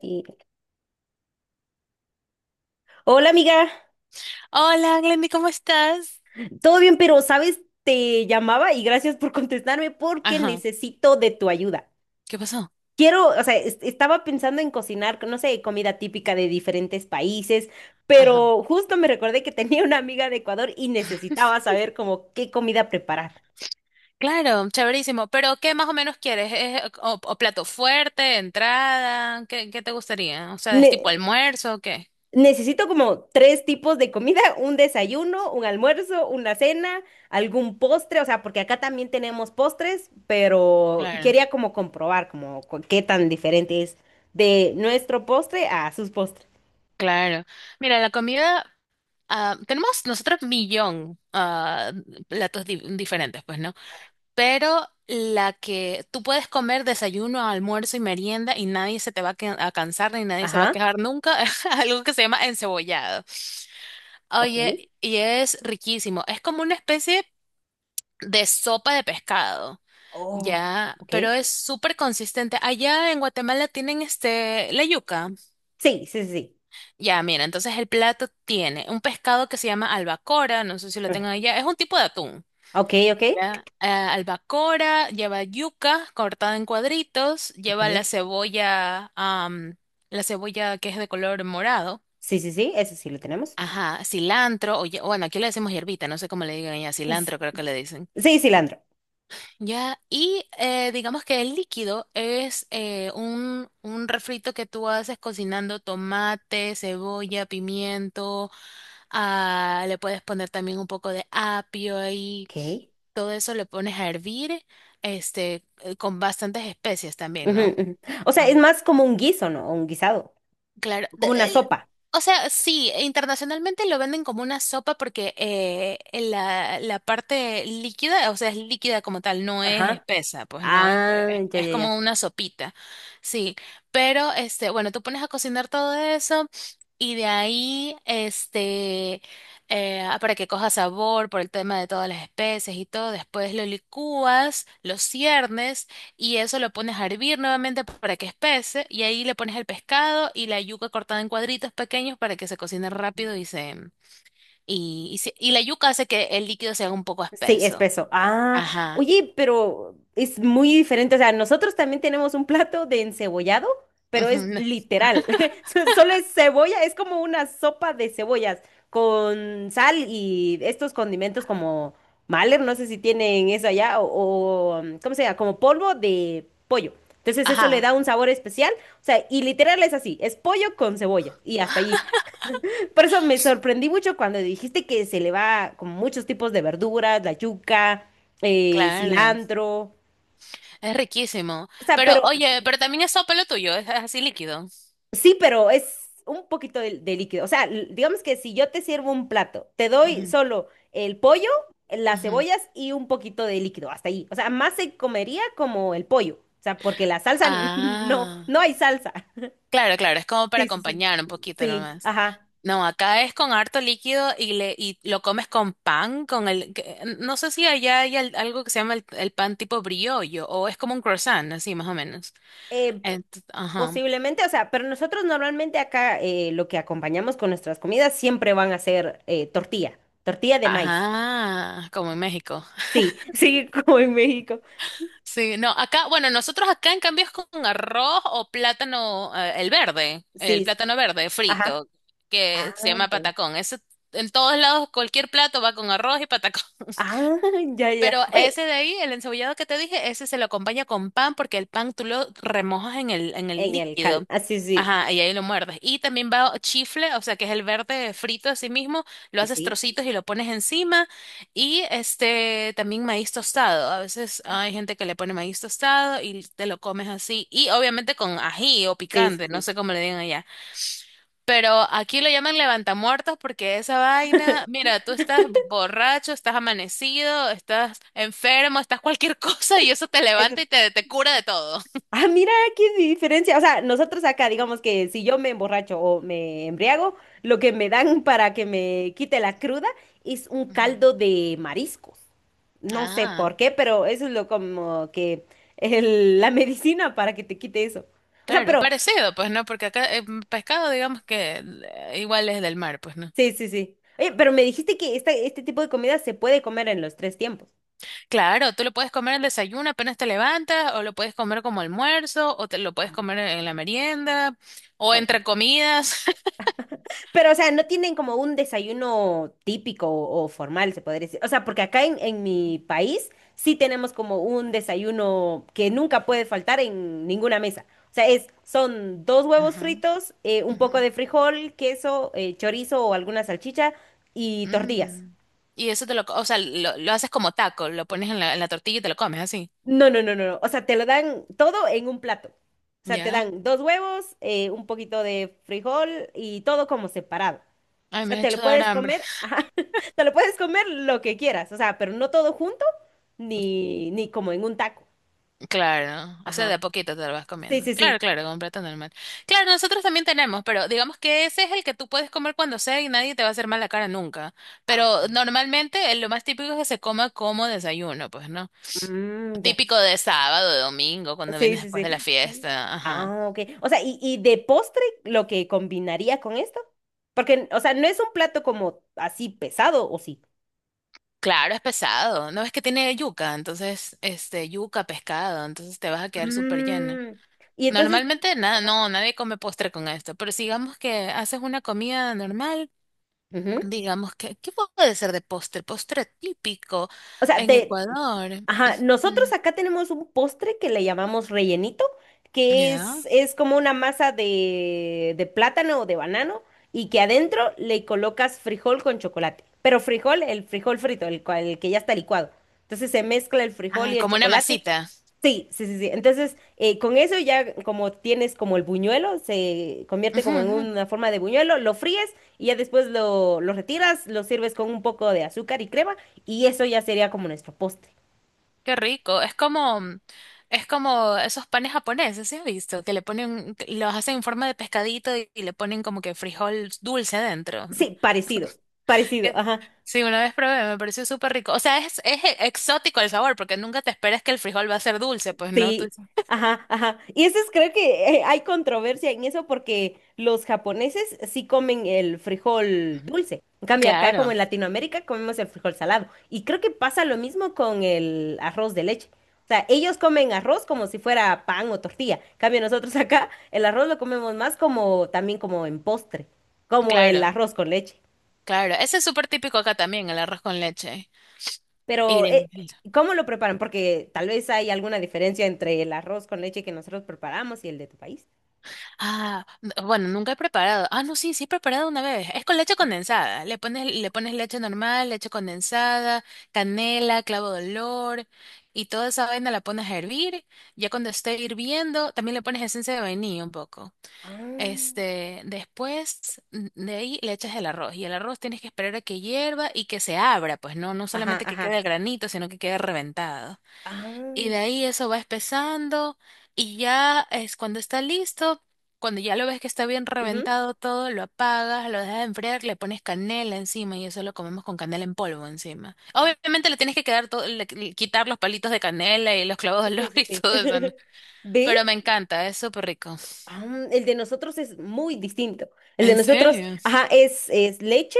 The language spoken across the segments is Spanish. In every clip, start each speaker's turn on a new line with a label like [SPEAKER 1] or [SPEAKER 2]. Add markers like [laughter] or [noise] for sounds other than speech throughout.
[SPEAKER 1] Y- Hola amiga,
[SPEAKER 2] Hola, Glendy, ¿cómo estás?
[SPEAKER 1] todo bien, pero sabes, te llamaba y gracias por contestarme porque
[SPEAKER 2] Ajá,
[SPEAKER 1] necesito de tu ayuda.
[SPEAKER 2] ¿qué pasó?
[SPEAKER 1] Quiero, o sea, estaba pensando en cocinar, no sé, comida típica de diferentes países,
[SPEAKER 2] Ajá.
[SPEAKER 1] pero justo me recordé que tenía una amiga de Ecuador y necesitaba
[SPEAKER 2] [laughs]
[SPEAKER 1] saber como qué comida preparar.
[SPEAKER 2] Claro, chéverísimo. Pero, ¿qué más o menos quieres? ¿Es, o plato fuerte, entrada? ¿Qué te gustaría? O sea, ¿es tipo almuerzo o qué?
[SPEAKER 1] Necesito como tres tipos de comida, un desayuno, un almuerzo, una cena, algún postre, o sea, porque acá también tenemos postres, pero
[SPEAKER 2] Claro,
[SPEAKER 1] quería como comprobar como qué tan diferente es de nuestro postre a sus postres.
[SPEAKER 2] claro. Mira, la comida, tenemos nosotros millón platos diferentes, pues, ¿no? Pero la que tú puedes comer desayuno, almuerzo y merienda y nadie se te va a cansar ni nadie se va a
[SPEAKER 1] Ajá,
[SPEAKER 2] quejar nunca, [laughs] es algo que se llama encebollado.
[SPEAKER 1] ok.
[SPEAKER 2] Oye, y es riquísimo. Es como una especie de sopa de pescado,
[SPEAKER 1] Oh,
[SPEAKER 2] ya, pero
[SPEAKER 1] ok.
[SPEAKER 2] es súper consistente. Allá en Guatemala tienen la yuca.
[SPEAKER 1] Sí, sí, sí, sí.
[SPEAKER 2] Ya, mira, entonces el plato tiene un pescado que se llama albacora, no sé si lo
[SPEAKER 1] Ah,
[SPEAKER 2] tengan allá, es un tipo de atún.
[SPEAKER 1] ok, ok.
[SPEAKER 2] Ya, albacora, lleva yuca cortada en cuadritos, lleva la
[SPEAKER 1] Ok.
[SPEAKER 2] cebolla, am, la cebolla que es de color morado.
[SPEAKER 1] Sí, sí, sí, eso sí lo tenemos.
[SPEAKER 2] Ajá, cilantro, bueno, aquí le decimos hierbita, no sé cómo le digan ya,
[SPEAKER 1] S-
[SPEAKER 2] cilantro creo que le dicen.
[SPEAKER 1] Sí, cilantro.
[SPEAKER 2] Ya, y digamos que el líquido es un refrito que tú haces cocinando tomate, cebolla, pimiento, le puedes poner también un poco de apio ahí,
[SPEAKER 1] Ok.
[SPEAKER 2] todo eso le pones a hervir, con bastantes especias también,
[SPEAKER 1] Ujú,
[SPEAKER 2] ¿no?
[SPEAKER 1] ujú. O sea, es
[SPEAKER 2] Ah,
[SPEAKER 1] más como un guiso, ¿no? Un guisado,
[SPEAKER 2] claro.
[SPEAKER 1] como una sopa.
[SPEAKER 2] O sea, sí, internacionalmente lo venden como una sopa porque la parte líquida, o sea, es líquida como tal, no es
[SPEAKER 1] Ajá.
[SPEAKER 2] espesa, pues no es,
[SPEAKER 1] Ah,
[SPEAKER 2] es,
[SPEAKER 1] ya,
[SPEAKER 2] es
[SPEAKER 1] ya,
[SPEAKER 2] como
[SPEAKER 1] ya.
[SPEAKER 2] una sopita, sí. Pero, bueno, tú pones a cocinar todo eso y de ahí, para que coja sabor por el tema de todas las especies y todo, después lo licúas, lo ciernes y eso lo pones a hervir nuevamente para que espese y ahí le pones el pescado y la yuca cortada en cuadritos pequeños para que se cocine rápido y la yuca hace que el líquido se haga un poco
[SPEAKER 1] Sí,
[SPEAKER 2] espeso.
[SPEAKER 1] espeso. Ah,
[SPEAKER 2] Ajá.
[SPEAKER 1] oye, pero es muy diferente. O sea, nosotros también tenemos un plato de encebollado, pero
[SPEAKER 2] Ujú,
[SPEAKER 1] es
[SPEAKER 2] no.
[SPEAKER 1] literal. [laughs] Solo es cebolla, es como una sopa de cebollas con sal y estos condimentos como Mahler, no sé si tienen eso allá, o, ¿cómo se llama? Como polvo de pollo. Entonces eso le
[SPEAKER 2] Ajá.
[SPEAKER 1] da un sabor especial. O sea, y literal es así, es pollo con cebolla y hasta allí. Por eso me sorprendí mucho cuando dijiste que se le va con muchos tipos de verduras, la yuca,
[SPEAKER 2] Claro.
[SPEAKER 1] cilantro.
[SPEAKER 2] Es riquísimo.
[SPEAKER 1] O sea,
[SPEAKER 2] Pero
[SPEAKER 1] pero
[SPEAKER 2] oye, pero también es sopa lo tuyo, es así líquido.
[SPEAKER 1] sí, pero es un poquito de líquido. O sea, digamos que si yo te sirvo un plato, te doy
[SPEAKER 2] Ujú,
[SPEAKER 1] solo el pollo, las
[SPEAKER 2] ujú.
[SPEAKER 1] cebollas y un poquito de líquido, hasta ahí. O sea, más se comería como el pollo. O sea, porque la salsa, [laughs] no,
[SPEAKER 2] Ah.
[SPEAKER 1] no hay salsa.
[SPEAKER 2] Claro, claro, es como para
[SPEAKER 1] Sí, sí, sí.
[SPEAKER 2] acompañar un poquito
[SPEAKER 1] Sí,
[SPEAKER 2] nomás.
[SPEAKER 1] ajá.
[SPEAKER 2] No, acá es con harto líquido y lo comes con pan, no sé si allá hay algo que se llama el pan tipo briollo o es como un croissant, así más o menos.
[SPEAKER 1] Eh,
[SPEAKER 2] Ajá.
[SPEAKER 1] posiblemente, o sea, pero nosotros normalmente acá lo que acompañamos con nuestras comidas siempre van a ser tortilla, tortilla de maíz.
[SPEAKER 2] Ajá, como en México.
[SPEAKER 1] Sí, sí, [laughs] como en México.
[SPEAKER 2] Sí, no, acá, bueno, nosotros acá en cambio es con arroz o plátano, el verde, el
[SPEAKER 1] Sí, sí,
[SPEAKER 2] plátano verde
[SPEAKER 1] ajá.
[SPEAKER 2] frito,
[SPEAKER 1] Ah,
[SPEAKER 2] que se llama
[SPEAKER 1] ya.
[SPEAKER 2] patacón. Eso en todos lados, cualquier plato va con arroz y patacón.
[SPEAKER 1] Ah, [laughs] ya, ya.
[SPEAKER 2] Pero
[SPEAKER 1] Oye,
[SPEAKER 2] ese de ahí, el encebollado que te dije, ese se lo acompaña con pan porque el pan tú lo remojas en el
[SPEAKER 1] en el cal.
[SPEAKER 2] líquido.
[SPEAKER 1] Ah, sí, sí.
[SPEAKER 2] Ajá, y ahí lo muerdes. Y también va chifle, o sea, que es el verde frito así mismo, lo haces
[SPEAKER 1] Sí,
[SPEAKER 2] trocitos y lo pones encima. Y también maíz tostado. A veces hay gente que le pone maíz tostado y te lo comes así. Y obviamente con ají o
[SPEAKER 1] sí, sí,
[SPEAKER 2] picante, no
[SPEAKER 1] sí.
[SPEAKER 2] sé cómo le digan allá. Pero aquí lo llaman levantamuertos porque esa vaina, mira, tú estás borracho, estás amanecido, estás enfermo, estás cualquier [laughs] cosa y eso te
[SPEAKER 1] Eso-
[SPEAKER 2] levanta y te cura de todo.
[SPEAKER 1] Ah, mira qué diferencia. O sea, nosotros acá, digamos que si yo me emborracho o me embriago, lo que me dan para que me quite la cruda es un
[SPEAKER 2] Ujú.
[SPEAKER 1] caldo de mariscos. No sé
[SPEAKER 2] Ah,
[SPEAKER 1] por qué, pero eso es lo como que la [laughs] medicina para que te quite eso. O sea,
[SPEAKER 2] claro,
[SPEAKER 1] pero
[SPEAKER 2] parecido, pues no, porque acá pescado, digamos que igual es del mar, pues no.
[SPEAKER 1] sí, sí, sí. Oye, pero me dijiste que este tipo de comida se puede comer en los tres tiempos.
[SPEAKER 2] Claro, tú lo puedes comer al desayuno apenas te levantas, o lo puedes comer como almuerzo, o te lo puedes
[SPEAKER 1] Ah,
[SPEAKER 2] comer en la merienda, o
[SPEAKER 1] ok.
[SPEAKER 2] entre comidas.
[SPEAKER 1] Pero, o sea, no tienen como un desayuno típico o formal, se podría decir. O sea, porque acá en mi país sí tenemos como un desayuno que nunca puede faltar en ninguna mesa. O sea, es, son dos
[SPEAKER 2] [laughs]
[SPEAKER 1] huevos
[SPEAKER 2] Ajá,
[SPEAKER 1] fritos, un poco
[SPEAKER 2] ajá.
[SPEAKER 1] de frijol, queso, chorizo o alguna salchicha y tortillas.
[SPEAKER 2] Mm. Y eso o sea, lo haces como taco, lo pones en la tortilla y te lo comes así.
[SPEAKER 1] No, no, no, no, no. O sea, te lo dan todo en un plato. O sea, te
[SPEAKER 2] Ya.
[SPEAKER 1] dan dos huevos, un poquito de frijol y todo como separado. O
[SPEAKER 2] Ay, me
[SPEAKER 1] sea,
[SPEAKER 2] has
[SPEAKER 1] te
[SPEAKER 2] hecho
[SPEAKER 1] lo
[SPEAKER 2] dar
[SPEAKER 1] puedes
[SPEAKER 2] hambre. [laughs]
[SPEAKER 1] comer, [laughs] ajá, te lo puedes comer lo que quieras, o sea, pero no todo junto, ni, ni como en un taco.
[SPEAKER 2] Claro, o sea,
[SPEAKER 1] Ajá.
[SPEAKER 2] de a poquito te lo vas
[SPEAKER 1] Sí,
[SPEAKER 2] comiendo.
[SPEAKER 1] sí,
[SPEAKER 2] Claro,
[SPEAKER 1] sí.
[SPEAKER 2] claro, con plato normal. Claro, nosotros también tenemos, pero digamos que ese es el que tú puedes comer cuando sea y nadie te va a hacer mal la cara nunca.
[SPEAKER 1] Ah,
[SPEAKER 2] Pero
[SPEAKER 1] ok.
[SPEAKER 2] normalmente lo más típico es que se coma como desayuno, pues, ¿no?
[SPEAKER 1] Mm, ya.
[SPEAKER 2] Típico de sábado, de domingo, cuando
[SPEAKER 1] Sí,
[SPEAKER 2] vienes
[SPEAKER 1] sí,
[SPEAKER 2] después de la
[SPEAKER 1] sí.
[SPEAKER 2] fiesta.
[SPEAKER 1] Ah, ok. O sea, y de postre, lo que combinaría con esto. Porque, o sea, no es un plato como así pesado, ¿o sí?
[SPEAKER 2] Claro, es pesado. No es que tiene yuca, entonces, yuca, pescado, entonces te vas a quedar súper lleno.
[SPEAKER 1] Mm, y entonces,
[SPEAKER 2] Normalmente, nada,
[SPEAKER 1] ajá,
[SPEAKER 2] no, nadie come postre con esto, pero si digamos que haces una comida normal,
[SPEAKER 1] ujú.
[SPEAKER 2] digamos que, ¿qué puede ser de postre? Postre típico
[SPEAKER 1] O sea,
[SPEAKER 2] en
[SPEAKER 1] te,
[SPEAKER 2] Ecuador.
[SPEAKER 1] ajá,
[SPEAKER 2] Mm.
[SPEAKER 1] nosotros acá tenemos un postre que le llamamos rellenito, que
[SPEAKER 2] Ya.
[SPEAKER 1] es como una masa de plátano o de banano y que adentro le colocas frijol con chocolate. Pero frijol, el frijol frito, el, el que ya está licuado. Entonces se mezcla el frijol
[SPEAKER 2] Ah,
[SPEAKER 1] y el
[SPEAKER 2] como una
[SPEAKER 1] chocolate.
[SPEAKER 2] masita.
[SPEAKER 1] Sí, sí, sí, sí. Entonces, con eso ya como tienes como el buñuelo, se convierte
[SPEAKER 2] Ujú,
[SPEAKER 1] como en
[SPEAKER 2] ujú.
[SPEAKER 1] una forma de buñuelo, lo fríes y ya después lo retiras, lo sirves con un poco de azúcar y crema y eso ya sería como nuestro postre.
[SPEAKER 2] Qué rico. Es como, es como esos panes japoneses, ¿sí has visto? Que le ponen, que los hacen en forma de pescadito y le ponen como que frijol dulce adentro.
[SPEAKER 1] Sí, parecido, parecido,
[SPEAKER 2] que-
[SPEAKER 1] ajá,
[SPEAKER 2] Sí, una vez probé, me pareció súper rico. O sea, es exótico el sabor, porque nunca te esperas que el frijol va a ser dulce, pues no. Tú
[SPEAKER 1] sí,
[SPEAKER 2] dices.
[SPEAKER 1] ajá, ajá. Y eso es, creo que hay controversia en eso porque los japoneses sí comen el frijol dulce. En cambio, acá como
[SPEAKER 2] Claro,
[SPEAKER 1] en Latinoamérica comemos el frijol salado. Y creo que pasa lo mismo con el arroz de leche. O sea, ellos comen arroz como si fuera pan o tortilla. En cambio, nosotros [laughs] acá el arroz lo comemos más como también como en postre, como el
[SPEAKER 2] claro,
[SPEAKER 1] arroz con leche.
[SPEAKER 2] claro. Ese es súper típico acá también, el arroz con leche. Y
[SPEAKER 1] Pero,
[SPEAKER 2] de-
[SPEAKER 1] ¿cómo lo preparan? Porque tal vez hay alguna diferencia entre el arroz con leche que nosotros preparamos y el de tu país.
[SPEAKER 2] Bueno, nunca he preparado. Ah, no, sí, sí he preparado una vez. Es con leche condensada. Le pones leche normal, leche condensada, canela, clavo de olor y toda esa vaina la pones a hervir. Ya cuando esté hirviendo, también le pones esencia de vainilla un poco.
[SPEAKER 1] Ah,
[SPEAKER 2] Después, de ahí le echas el arroz y el arroz tienes que esperar a que hierva y que se abra, pues no, no
[SPEAKER 1] ajá,
[SPEAKER 2] solamente que quede
[SPEAKER 1] ajá,
[SPEAKER 2] el granito, sino que quede reventado. Y
[SPEAKER 1] ah.
[SPEAKER 2] de ahí eso va espesando y ya es cuando está listo, cuando ya lo ves que está bien
[SPEAKER 1] Ujú.
[SPEAKER 2] reventado todo, lo apagas, lo dejas enfriar, le pones canela encima y eso lo comemos con canela en polvo encima. Obviamente le tienes que quedar todo, quitar los palitos de canela y los clavos de
[SPEAKER 1] Sí,
[SPEAKER 2] olor [laughs]
[SPEAKER 1] sí,
[SPEAKER 2] y
[SPEAKER 1] sí.
[SPEAKER 2] todo eso, ¿no?
[SPEAKER 1] [laughs] ¿Ve?
[SPEAKER 2] Pero me encanta, es súper rico.
[SPEAKER 1] Ah, el de nosotros es muy distinto. El de
[SPEAKER 2] ¿En
[SPEAKER 1] nosotros,
[SPEAKER 2] serio?
[SPEAKER 1] ajá, es leche,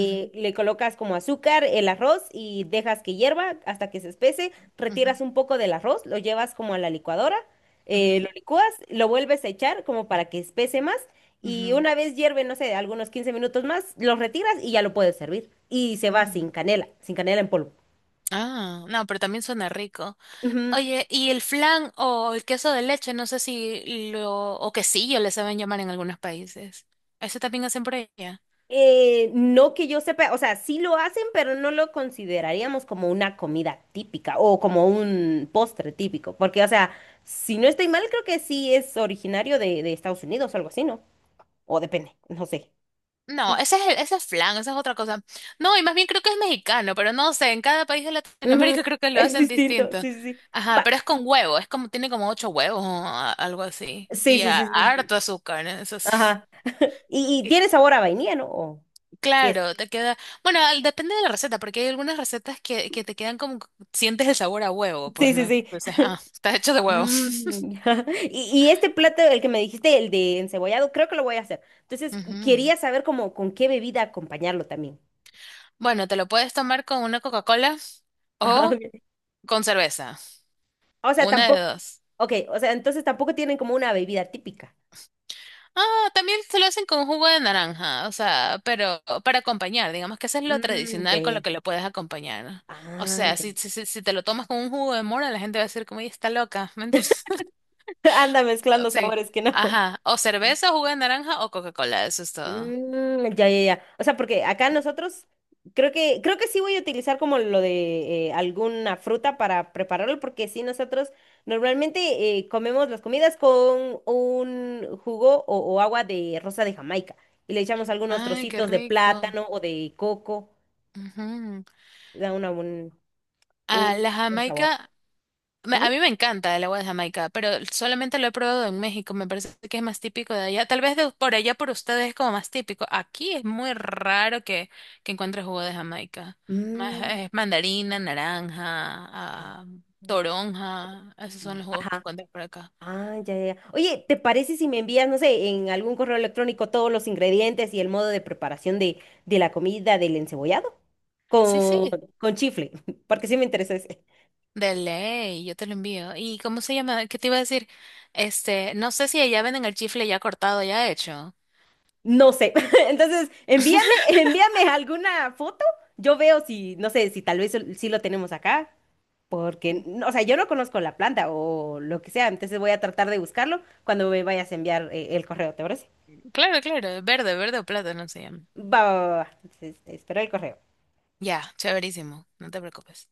[SPEAKER 2] Ujú,
[SPEAKER 1] le colocas como azúcar, el arroz y dejas que hierva hasta que se espese,
[SPEAKER 2] ujú.
[SPEAKER 1] retiras un poco del arroz, lo llevas como a la licuadora,
[SPEAKER 2] Ujú,
[SPEAKER 1] lo licúas, lo vuelves a echar como para que espese más y
[SPEAKER 2] ujú,
[SPEAKER 1] una vez hierve, no sé, algunos 15 minutos más, lo retiras y ya lo puedes servir. Y se va
[SPEAKER 2] mm.
[SPEAKER 1] sin canela, sin canela en polvo.
[SPEAKER 2] Ah, no, pero también suena rico.
[SPEAKER 1] Ujú.
[SPEAKER 2] Oye, y el flan o el queso de leche, no sé si o quesillo le saben llamar en algunos países. ¿Ese también hacen por allá?
[SPEAKER 1] No que yo sepa, o sea, sí lo hacen, pero no lo consideraríamos como una comida típica o como un postre típico, porque, o sea, si no estoy mal, creo que sí es originario de Estados Unidos o algo así, ¿no? O depende, no sé.
[SPEAKER 2] No, ese es flan, esa es otra cosa. No, y más bien creo que es mexicano, pero no sé, en cada país de
[SPEAKER 1] Ujú,
[SPEAKER 2] Latinoamérica [laughs] creo que lo
[SPEAKER 1] es
[SPEAKER 2] hacen
[SPEAKER 1] distinto,
[SPEAKER 2] distinto.
[SPEAKER 1] sí, sí, sí.
[SPEAKER 2] Ajá,
[SPEAKER 1] Va,
[SPEAKER 2] pero es con huevo, es como, tiene como ocho huevos o algo así.
[SPEAKER 1] sí,
[SPEAKER 2] Y
[SPEAKER 1] sí, sí, sí.
[SPEAKER 2] harto azúcar, ¿no? Eso sí.
[SPEAKER 1] Ajá. Y tiene sabor a vainilla, ¿no? Sí es.
[SPEAKER 2] Claro, te queda. Bueno, depende de la receta, porque hay algunas recetas que te quedan como que sientes el sabor a huevo, pues
[SPEAKER 1] Sí, sí,
[SPEAKER 2] no.
[SPEAKER 1] sí.
[SPEAKER 2] Entonces, está hecho de huevo.
[SPEAKER 1] Mm, [laughs] y este plato, el que me dijiste, el de encebollado, creo que lo voy a hacer.
[SPEAKER 2] [laughs]
[SPEAKER 1] Entonces,
[SPEAKER 2] Ujú.
[SPEAKER 1] quería saber como con qué bebida acompañarlo también.
[SPEAKER 2] Bueno, te lo puedes tomar con una Coca-Cola o
[SPEAKER 1] [laughs]
[SPEAKER 2] con cerveza.
[SPEAKER 1] Ok. O sea,
[SPEAKER 2] Una de
[SPEAKER 1] tampoco,
[SPEAKER 2] dos.
[SPEAKER 1] ok, o sea, entonces tampoco tienen como una bebida típica.
[SPEAKER 2] Ah, también se lo hacen con jugo de naranja, o sea, pero para acompañar, digamos que eso es lo
[SPEAKER 1] Mm, ya,
[SPEAKER 2] tradicional con
[SPEAKER 1] ya.
[SPEAKER 2] lo que lo puedes acompañar. O
[SPEAKER 1] Ah,
[SPEAKER 2] sea, si te lo tomas con un jugo de mora, la gente va a decir como, ella está loca, [laughs] ¿me entiendes?
[SPEAKER 1] ya. [laughs] Anda mezclando
[SPEAKER 2] Sí.
[SPEAKER 1] sabores que no.
[SPEAKER 2] Ajá. O cerveza, jugo de naranja o Coca-Cola. Eso es todo.
[SPEAKER 1] Mm, ya, ya, ya. O sea, porque acá nosotros creo que sí voy a utilizar como lo de alguna fruta para prepararlo, porque sí nosotros normalmente comemos las comidas con un jugo o agua de rosa de Jamaica y le echamos algunos
[SPEAKER 2] Ay, qué
[SPEAKER 1] trocitos de
[SPEAKER 2] rico.
[SPEAKER 1] plátano o de coco,
[SPEAKER 2] Ujú.
[SPEAKER 1] da una,
[SPEAKER 2] Ah,
[SPEAKER 1] un
[SPEAKER 2] la
[SPEAKER 1] buen sabor.
[SPEAKER 2] Jamaica. A
[SPEAKER 1] Ujú.
[SPEAKER 2] mí me encanta el agua de Jamaica, pero solamente lo he probado en México. Me parece que es más típico de allá. Tal vez por allá por ustedes es como más típico. Aquí es muy raro que, encuentres jugo de Jamaica. Más,
[SPEAKER 1] Mm,
[SPEAKER 2] es mandarina, naranja,
[SPEAKER 1] ah, mm,
[SPEAKER 2] toronja. Esos son los jugos que
[SPEAKER 1] ajá.
[SPEAKER 2] encuentras por acá.
[SPEAKER 1] Ah, ya, ya, ya. Oye, ¿te parece si me envías, no sé, en algún correo electrónico todos los ingredientes y el modo de preparación de la comida del encebollado?
[SPEAKER 2] Sí,
[SPEAKER 1] Con,
[SPEAKER 2] sí.
[SPEAKER 1] con chifle, [laughs] porque sí me interesa ese.
[SPEAKER 2] De ley, yo te lo envío. ¿Y cómo se llama? ¿Qué te iba a decir? No sé si allá venden el chifle ya cortado, ya hecho.
[SPEAKER 1] No sé. [laughs] Entonces, envíame, envíame alguna foto. Yo veo si, no sé, si tal vez sí lo tenemos acá, porque, no, o sea, yo no conozco la planta o lo que sea, entonces voy a tratar de buscarlo cuando me vayas a enviar el correo, ¿te parece?
[SPEAKER 2] Claro, claro, verde, verde o plátano se llama.
[SPEAKER 1] Va, va, va, va. Entonces, espero el correo.
[SPEAKER 2] Ya, chéverísimo, no te preocupes.